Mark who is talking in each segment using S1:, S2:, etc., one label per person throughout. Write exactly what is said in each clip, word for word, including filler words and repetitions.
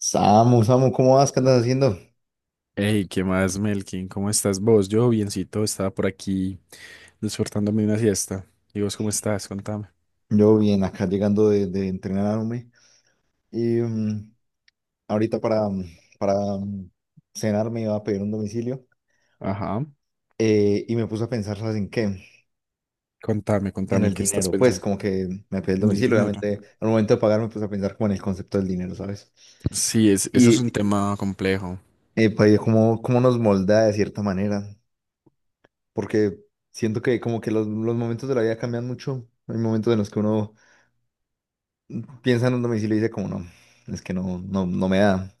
S1: Samu, Samu, ¿cómo vas? ¿Qué andas haciendo?
S2: Hey, ¿qué más, Melkin? ¿Cómo estás vos? Yo, biencito, estaba por aquí disfrutándome una siesta. ¿Y vos cómo estás? Contame.
S1: Yo bien, acá llegando de, de entrenarme. Y mm, ahorita para, mm, para mm, cenar me iba a pedir un domicilio.
S2: Ajá.
S1: Eh, y me puse a pensar, ¿sabes en qué?
S2: Contame,
S1: En
S2: contame, ¿en
S1: el
S2: qué estás
S1: dinero. Pues
S2: pensando?
S1: como que me pedí el
S2: Mi
S1: domicilio,
S2: dinero.
S1: obviamente al momento de pagar me puse a pensar como en el concepto del dinero, ¿sabes?
S2: Sí, es, eso es un
S1: Y
S2: tema complejo.
S1: eh, pues, cómo, cómo nos moldea de cierta manera. Porque siento que como que los, los momentos de la vida cambian mucho. Hay momentos en los que uno piensa en un domicilio y dice como no. Es que no, no, no me da.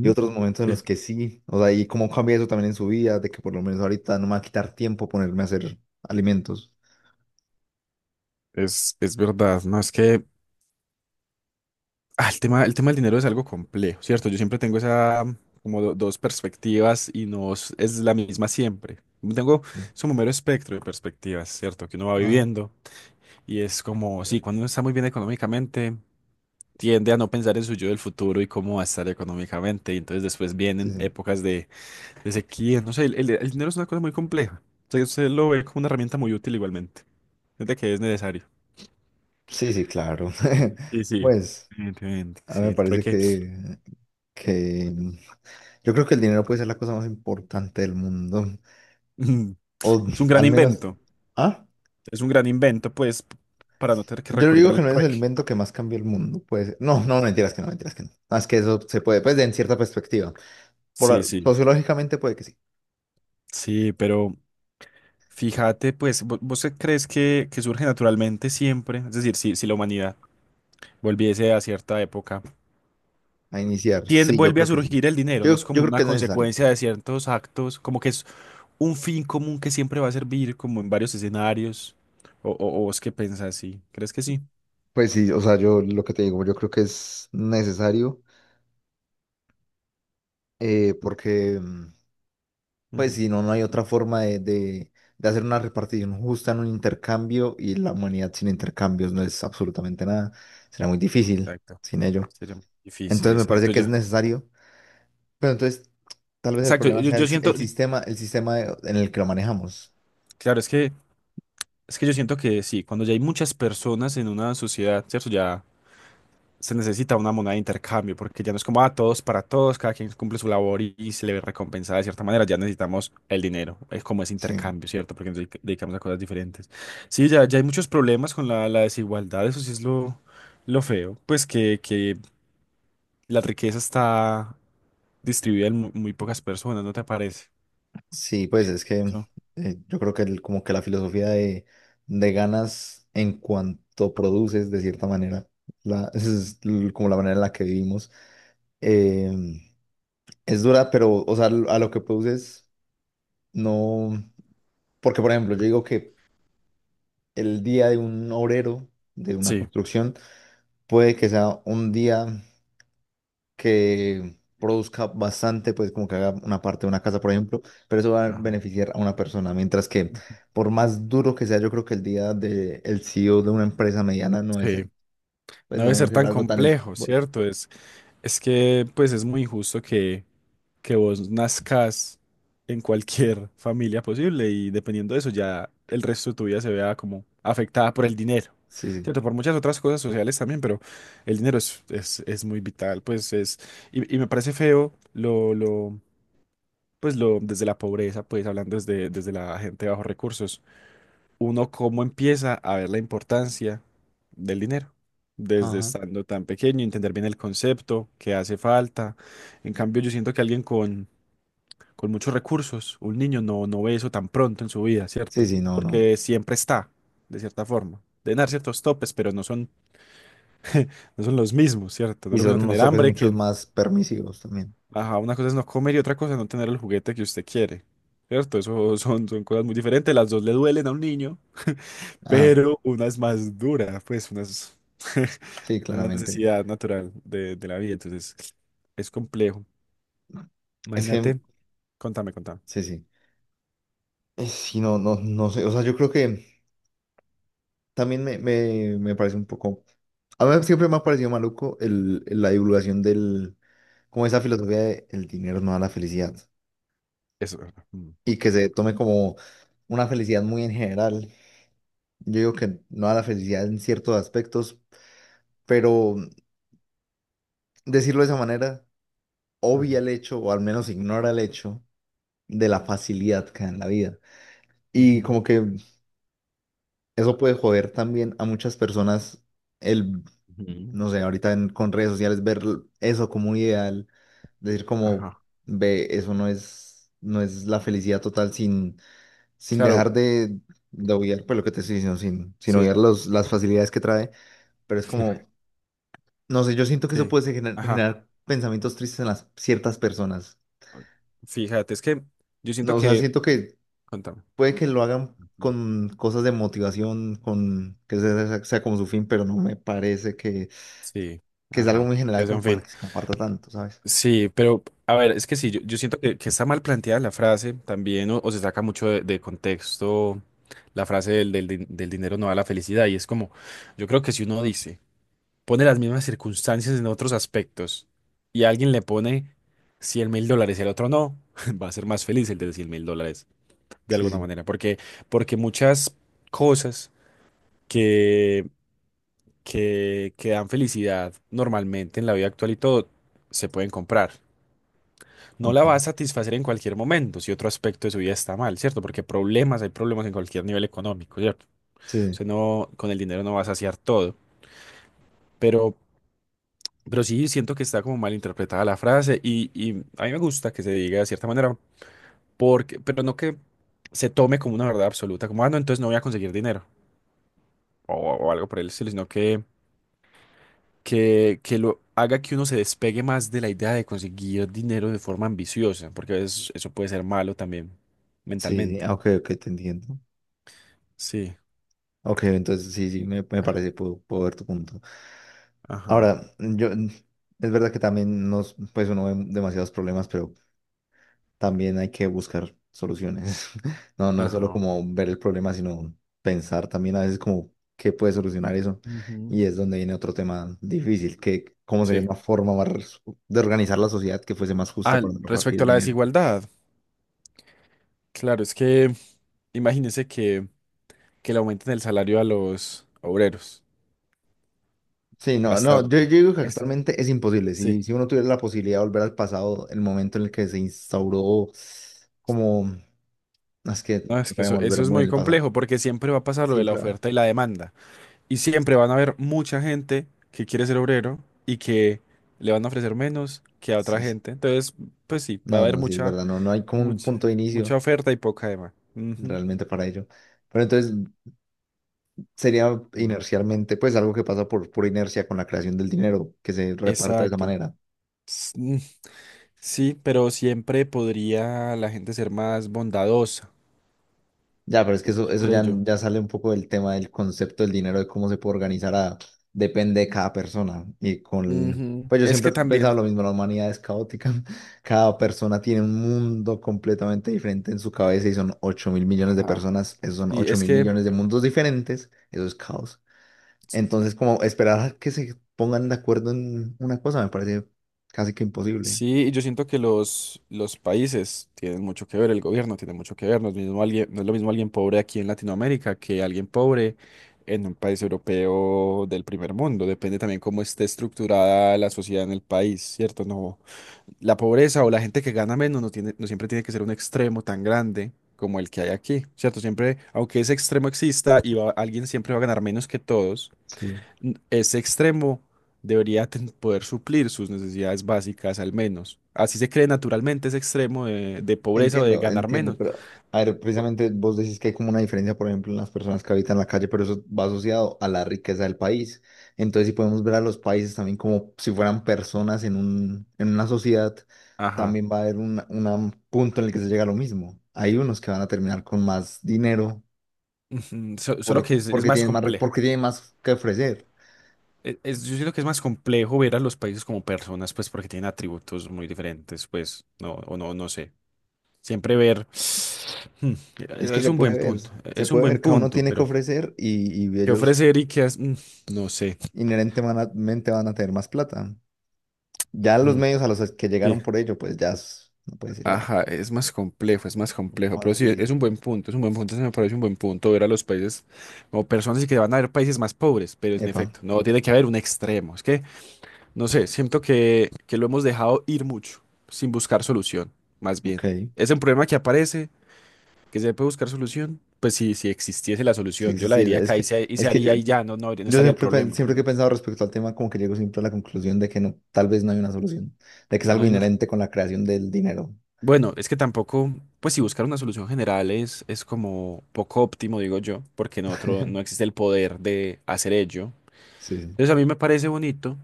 S1: Y otros momentos en
S2: Sí.
S1: los que sí, o sea, y cómo cambia eso también en su vida, de que por lo menos ahorita no me va a quitar tiempo ponerme a hacer alimentos.
S2: Es, es verdad, ¿no? Es que ah, el tema, el tema del dinero es algo complejo, ¿cierto? Yo siempre tengo esa, como do- dos perspectivas y no es es la misma siempre. Tengo, es un mero espectro de perspectivas, ¿cierto? Que uno va
S1: Ajá.
S2: viviendo y es como, sí, cuando uno está muy bien económicamente tiende a no pensar en su yo del futuro y cómo va a estar económicamente. Y entonces después
S1: Sí,
S2: vienen
S1: sí,
S2: épocas de, de sequía. No sé, el, el- el dinero es una cosa muy compleja. O sea, usted lo ve como una herramienta muy útil igualmente. Desde que es necesario.
S1: sí, sí, claro.
S2: Sí, sí.
S1: Pues,
S2: Evidentemente,
S1: a mí
S2: sí,
S1: me
S2: el
S1: parece
S2: trueque
S1: que, que yo creo que el dinero puede ser la cosa más importante del mundo,
S2: mm,
S1: o
S2: es un gran
S1: al menos,
S2: invento.
S1: ah,
S2: Es un gran invento, pues, p- para no tener que
S1: yo
S2: recurrir
S1: digo que
S2: al
S1: no es el
S2: trueque.
S1: invento que más cambia el mundo, pues, no, no, mentiras que no, mentiras que no, más que eso se puede, pues, de en cierta perspectiva,
S2: Sí,
S1: por,
S2: sí.
S1: sociológicamente puede que sí.
S2: Sí, pero fíjate, pues, vo- ¿vos qué crees que, que surge naturalmente siempre? Es decir, si, si la humanidad volviese a cierta época.
S1: A iniciar.
S2: Tiende-
S1: Sí, yo
S2: vuelve a
S1: creo que sí.
S2: surgir el dinero, no es
S1: Yo, yo
S2: como
S1: creo que
S2: una
S1: es necesario.
S2: consecuencia de ciertos actos, como que es un fin común que siempre va a servir como en varios escenarios. O, o, o vos qué pensás, sí, ¿crees que sí?
S1: Pues sí, o sea, yo lo que te digo, yo creo que es necesario. Eh, porque, mm, pues,
S2: Ujú.
S1: si no, no hay otra forma de, de- de- hacer una repartición justa en un intercambio y la humanidad sin intercambios no es absolutamente nada. Será muy difícil
S2: Exacto.
S1: sin ello.
S2: Sería muy difícil,
S1: Entonces, me parece
S2: exacto,
S1: que es
S2: ya.
S1: necesario. Pero entonces, tal vez el
S2: Exacto,
S1: problema
S2: yo,
S1: sea
S2: yo
S1: el, si-
S2: siento,
S1: el sistema, el sistema de- en el que lo manejamos.
S2: claro, es que, es que yo siento que sí, cuando ya hay muchas personas en una sociedad, ¿cierto? Ya se necesita una moneda de intercambio, porque ya no es como, ah, todos para todos, cada quien cumple su labor y, y se le ve recompensada de cierta manera, ya necesitamos el dinero, es como ese
S1: Sí.
S2: intercambio, ¿cierto? Porque nos dedica- dedicamos a cosas diferentes. Sí, ya, ya hay muchos problemas con la, la desigualdad, eso sí es lo, lo feo, pues que, que la riqueza está distribuida en mu- muy pocas personas, ¿no te parece?
S1: Sí, pues es que
S2: Eso.
S1: eh, yo creo que el- como que la filosofía de, de ganas en cuanto produces, de cierta manera, la, es l- como la manera en la que vivimos, em, es dura, pero, o sea, l- a lo que produces, no, porque por ejemplo, yo digo que el día de un obrero, de una
S2: Sí.
S1: construcción, puede que sea un día que produzca bastante, pues como que haga una parte de una casa, por ejemplo, pero eso va a
S2: Ajá.
S1: beneficiar a una persona, mientras que por más duro que sea, yo creo que el día de el C E O de una empresa mediana no debe
S2: Sí,
S1: ser, pues
S2: no debe
S1: no debe
S2: ser
S1: ser
S2: tan
S1: algo tan
S2: complejo,
S1: esfuerzo.
S2: ¿cierto? Es, es que pues es muy injusto que que vos nazcas en cualquier familia posible y dependiendo de eso ya el resto de tu vida se vea como afectada por el dinero.
S1: Sí, sí.
S2: Cierto, por muchas otras cosas sociales también, pero el dinero es, es, es muy vital, pues es, y, y me parece feo lo, lo, pues lo, desde la pobreza, pues hablando desde, desde la gente de bajos recursos, uno cómo empieza a ver la importancia del dinero, desde
S1: Ajá.
S2: estando tan pequeño, entender bien el concepto, que hace falta. En cambio, yo siento que alguien con con muchos recursos, un niño no, no ve eso tan pronto en su vida,
S1: Sí,
S2: ¿cierto?
S1: sí, no, no.
S2: Porque siempre está, de cierta forma. Deben dar ciertos topes, pero no son, no son los mismos, ¿cierto? No
S1: Y
S2: es lo mismo
S1: son unos
S2: tener
S1: topes
S2: hambre
S1: muchos
S2: que,
S1: más permisivos también.
S2: ajá, una cosa es no comer y otra cosa es no tener el juguete que usted quiere, ¿cierto? Eso son, son cosas muy diferentes, las dos le duelen a un niño,
S1: Ajá.
S2: pero una es más dura, pues una es
S1: Sí,
S2: una
S1: claramente.
S2: necesidad natural de, de la vida, entonces es complejo.
S1: Es que,
S2: Imagínate, contame, contame.
S1: sí, sí. Eh, Sí, no, no, no sé. O sea, yo creo que también me, me, me parece un poco a mí siempre me ha parecido maluco el, el- la divulgación del, como esa filosofía de el dinero no da la felicidad
S2: Eso. Mm.
S1: y que se tome como una felicidad muy en general. Yo digo que no da la felicidad en ciertos aspectos, pero decirlo de esa manera
S2: Ajá.
S1: obvia el hecho o al menos ignora el hecho de la facilidad que da en la vida. Y
S2: Ujú,
S1: como que eso puede joder también a muchas personas.
S2: ujú.
S1: No sé, ahorita en- con redes sociales ver eso como un ideal, decir como,
S2: Ajá.
S1: ve, eso no es, no es la felicidad total sin, sin
S2: Claro,
S1: dejar de, de obviar, pues lo que te estoy diciendo, sin, sin
S2: sí,
S1: obviar los, las facilidades que trae, pero es como, no sé, yo siento que eso
S2: sí.
S1: puede ser gener-
S2: Ajá.
S1: generar pensamientos tristes en las ciertas personas.
S2: Fíjate, es que yo siento
S1: No, o sea,
S2: que...
S1: siento que
S2: Contame.
S1: puede que lo hagan con cosas de motivación, con que sea, sea sea como su fin, pero no me parece que,
S2: Sí,
S1: que es algo
S2: ajá.
S1: muy general
S2: Es
S1: como
S2: un
S1: para
S2: fin.
S1: que se comparta tanto, ¿sabes?
S2: Sí, pero a ver, es que sí, yo, yo siento que, que está mal planteada la frase también, o, o se saca mucho de, de contexto la frase del, del, din- del dinero no da la felicidad. Y es como, yo creo que si uno dice, pone las mismas circunstancias en otros aspectos y alguien le pone cien mil dólares y al otro no, va a ser más feliz el de cien mil dólares de
S1: Sí,
S2: alguna
S1: sí.
S2: manera, porque, porque muchas cosas que, que, que dan felicidad normalmente en la vida actual y todo se pueden comprar. No la
S1: Ok.
S2: va a satisfacer en cualquier momento si otro aspecto de su vida está mal, ¿cierto? Porque problemas, hay problemas en cualquier nivel económico, ¿cierto? O
S1: Sí,
S2: sea, no, con el dinero no va a saciar todo, pero, pero sí siento que está como mal interpretada la frase y, y a mí me gusta que se diga de cierta manera, porque, pero no que se tome como una verdad absoluta, como, ah, no, entonces no voy a conseguir dinero. O, o algo por el estilo, sino que, que, que lo haga que uno se despegue más de la idea de conseguir dinero de forma ambiciosa, porque a veces eso puede ser malo también
S1: sí, sí, ah,
S2: mentalmente.
S1: ok, ok, te entiendo.
S2: Sí,
S1: Ok, entonces sí, sí, me, me parece, puedo, puedo ver tu punto.
S2: ajá,
S1: Ahora, yo, es verdad que también nos, pues uno ve demasiados problemas, pero también hay que buscar soluciones. No, no es solo
S2: ajá.
S1: como ver el problema, sino pensar también a veces como qué puede solucionar eso.
S2: Ujú.
S1: Y es donde viene otro tema difícil, que cómo sería
S2: Sí.
S1: una forma más de organizar la sociedad que fuese más justa
S2: Ah,
S1: para repartir
S2: respecto
S1: el
S2: a la
S1: dinero.
S2: desigualdad, claro, es que imagínense que, que le aumenten el salario a los obreros.
S1: Sí, no, no, yo, yo
S2: Bastante.
S1: digo que
S2: ¿Esto?
S1: actualmente es imposible.
S2: Sí.
S1: Si, si uno tuviera la posibilidad de volver al pasado, el momento en el que se instauró como, "No, es que
S2: No, es que
S1: tocaría
S2: eso, eso
S1: volver
S2: es
S1: muy en
S2: muy
S1: el pasado.
S2: complejo porque siempre va a pasar lo de la
S1: Siempre, va-
S2: oferta y la demanda. Y siempre van a haber mucha gente que quiere ser obrero y que le van a ofrecer menos que a otra
S1: sí, sí.
S2: gente. Entonces, pues sí, va a
S1: No,
S2: haber
S1: no, sí, es
S2: mucha,
S1: verdad, no, no hay como un
S2: mucha,
S1: punto de
S2: mucha
S1: inicio
S2: oferta y poca demanda. Ujú.
S1: realmente para ello. Pero entonces sería
S2: Ujú.
S1: inercialmente, pues algo que pasa por, por inercia con la creación del dinero, que se reparta de esa
S2: Exacto.
S1: manera.
S2: S- mm. Sí, pero siempre podría la gente ser más bondadosa
S1: Ya, pero es que eso, eso
S2: por
S1: ya,
S2: ello.
S1: ya sale un poco del tema del concepto del dinero, de cómo se puede organizar, a- depende de cada persona. Y con,
S2: Ujú.
S1: pues yo
S2: Es
S1: siempre
S2: que
S1: he pensado
S2: también,
S1: lo mismo, la humanidad es caótica, cada persona tiene un mundo completamente diferente en su cabeza y son ocho mil millones de
S2: ajá,
S1: personas, esos son
S2: sí,
S1: ocho
S2: es
S1: mil
S2: que
S1: millones de mundos diferentes, eso es caos. Entonces, como esperar a que se pongan de acuerdo en una cosa me parece casi que imposible.
S2: sí, y yo siento que los, los países tienen mucho que ver, el gobierno tiene mucho que ver, no es mismo alguien, no es lo mismo alguien pobre aquí en Latinoamérica que alguien pobre en un país europeo del primer mundo, depende también cómo esté estructurada la sociedad en el país, ¿cierto? No, la pobreza o la gente que gana menos no tiene, no siempre tiene que ser un extremo tan grande como el que hay aquí, ¿cierto? Siempre, aunque ese extremo exista, y va- alguien siempre va a ganar menos que todos.
S1: Sí.
S2: Ese extremo debería ten- poder suplir sus necesidades básicas al menos. Así se cree naturalmente ese extremo de, de pobreza o de
S1: Entiendo,
S2: ganar
S1: entiendo,
S2: menos.
S1: pero a ver,
S2: O-
S1: precisamente vos decís que hay como una diferencia, por ejemplo, en las personas que habitan la calle, pero eso va asociado a la riqueza del país. Entonces, si podemos ver a los países también como si fueran personas en un, en una sociedad,
S2: Ajá.
S1: también va a haber un, un punto en el que se llega a lo mismo. Hay unos que van a terminar con más dinero
S2: Ujú, so- solo que
S1: por,
S2: es, es
S1: porque
S2: más
S1: tienen más, re-
S2: complejo.
S1: porque tienen más que ofrecer.
S2: E- es- yo siento que es más complejo ver a los países como personas, pues porque tienen atributos muy diferentes, pues, no, o no, no, sé. Siempre ver. Hmm,
S1: Es
S2: e,
S1: que
S2: es
S1: se
S2: un
S1: puede
S2: buen
S1: ver,
S2: punto, e,
S1: se
S2: es un
S1: puede
S2: buen
S1: ver, cada uno
S2: punto,
S1: tiene que
S2: pero
S1: ofrecer y, y
S2: ¿qué
S1: ellos
S2: ofrecer y qué hacer? No sé.
S1: inherentemente van a tener más plata. Ya los
S2: Mm.
S1: medios a los que
S2: Sí.
S1: llegaron por ello, pues ya es- no puede decir, bueno,
S2: Ajá, es más complejo, es más complejo,
S1: más
S2: pero sí,
S1: difícil.
S2: es un buen punto, es un buen punto, se me parece un buen punto ver a los países como personas y que van a haber países más pobres, pero es en
S1: Epa,
S2: efecto, no tiene que haber un extremo, es que, no sé, siento que, que lo hemos dejado ir mucho, sin buscar solución, más bien.
S1: ok.
S2: Es un problema que aparece, que se puede buscar solución, pues si, si existiese la
S1: Sí,
S2: solución, yo
S1: sí,
S2: la
S1: sí.
S2: diría
S1: Es
S2: acá y
S1: que,
S2: se, y se
S1: es que yo,
S2: haría y ya, no, no, no
S1: yo
S2: estaría el
S1: siempre, pen-
S2: problema, por
S1: siempre que he
S2: ejemplo.
S1: pensado respecto al tema, como que llego siempre a la conclusión de que no, tal vez no hay una solución, de que es
S2: No
S1: algo
S2: hay,
S1: inherente con la creación del dinero.
S2: bueno, es que tampoco, pues si buscar una solución general es, es como poco óptimo, digo yo, porque no, otro, no existe el poder de hacer ello.
S1: Sí, sí.
S2: Entonces a mí me parece bonito,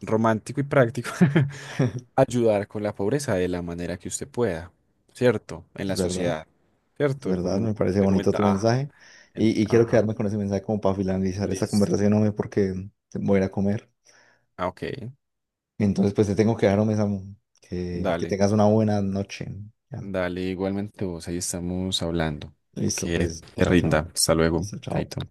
S2: romántico y práctico ayudar con la pobreza de la manera que usted pueda, ¿cierto? En
S1: Es
S2: la
S1: verdad,
S2: sociedad,
S1: es
S2: ¿cierto?
S1: verdad,
S2: Como
S1: me parece
S2: te
S1: bonito
S2: comenta,
S1: tu
S2: ajá,
S1: mensaje.
S2: en-
S1: Y, y quiero
S2: ajá,
S1: quedarme con ese mensaje como para finalizar esta
S2: listo.
S1: conversación, hombre, porque voy a ir a comer.
S2: Ah, ok,
S1: Entonces, pues te tengo que dejar, hombre, Samu. Que, que
S2: dale,
S1: tengas una buena noche. Ya.
S2: dale, igualmente vos, ahí estamos hablando.
S1: Listo,
S2: Que
S1: pues,
S2: te
S1: chao, chao.
S2: rinda, hasta luego,
S1: Listo, chao.
S2: chaito.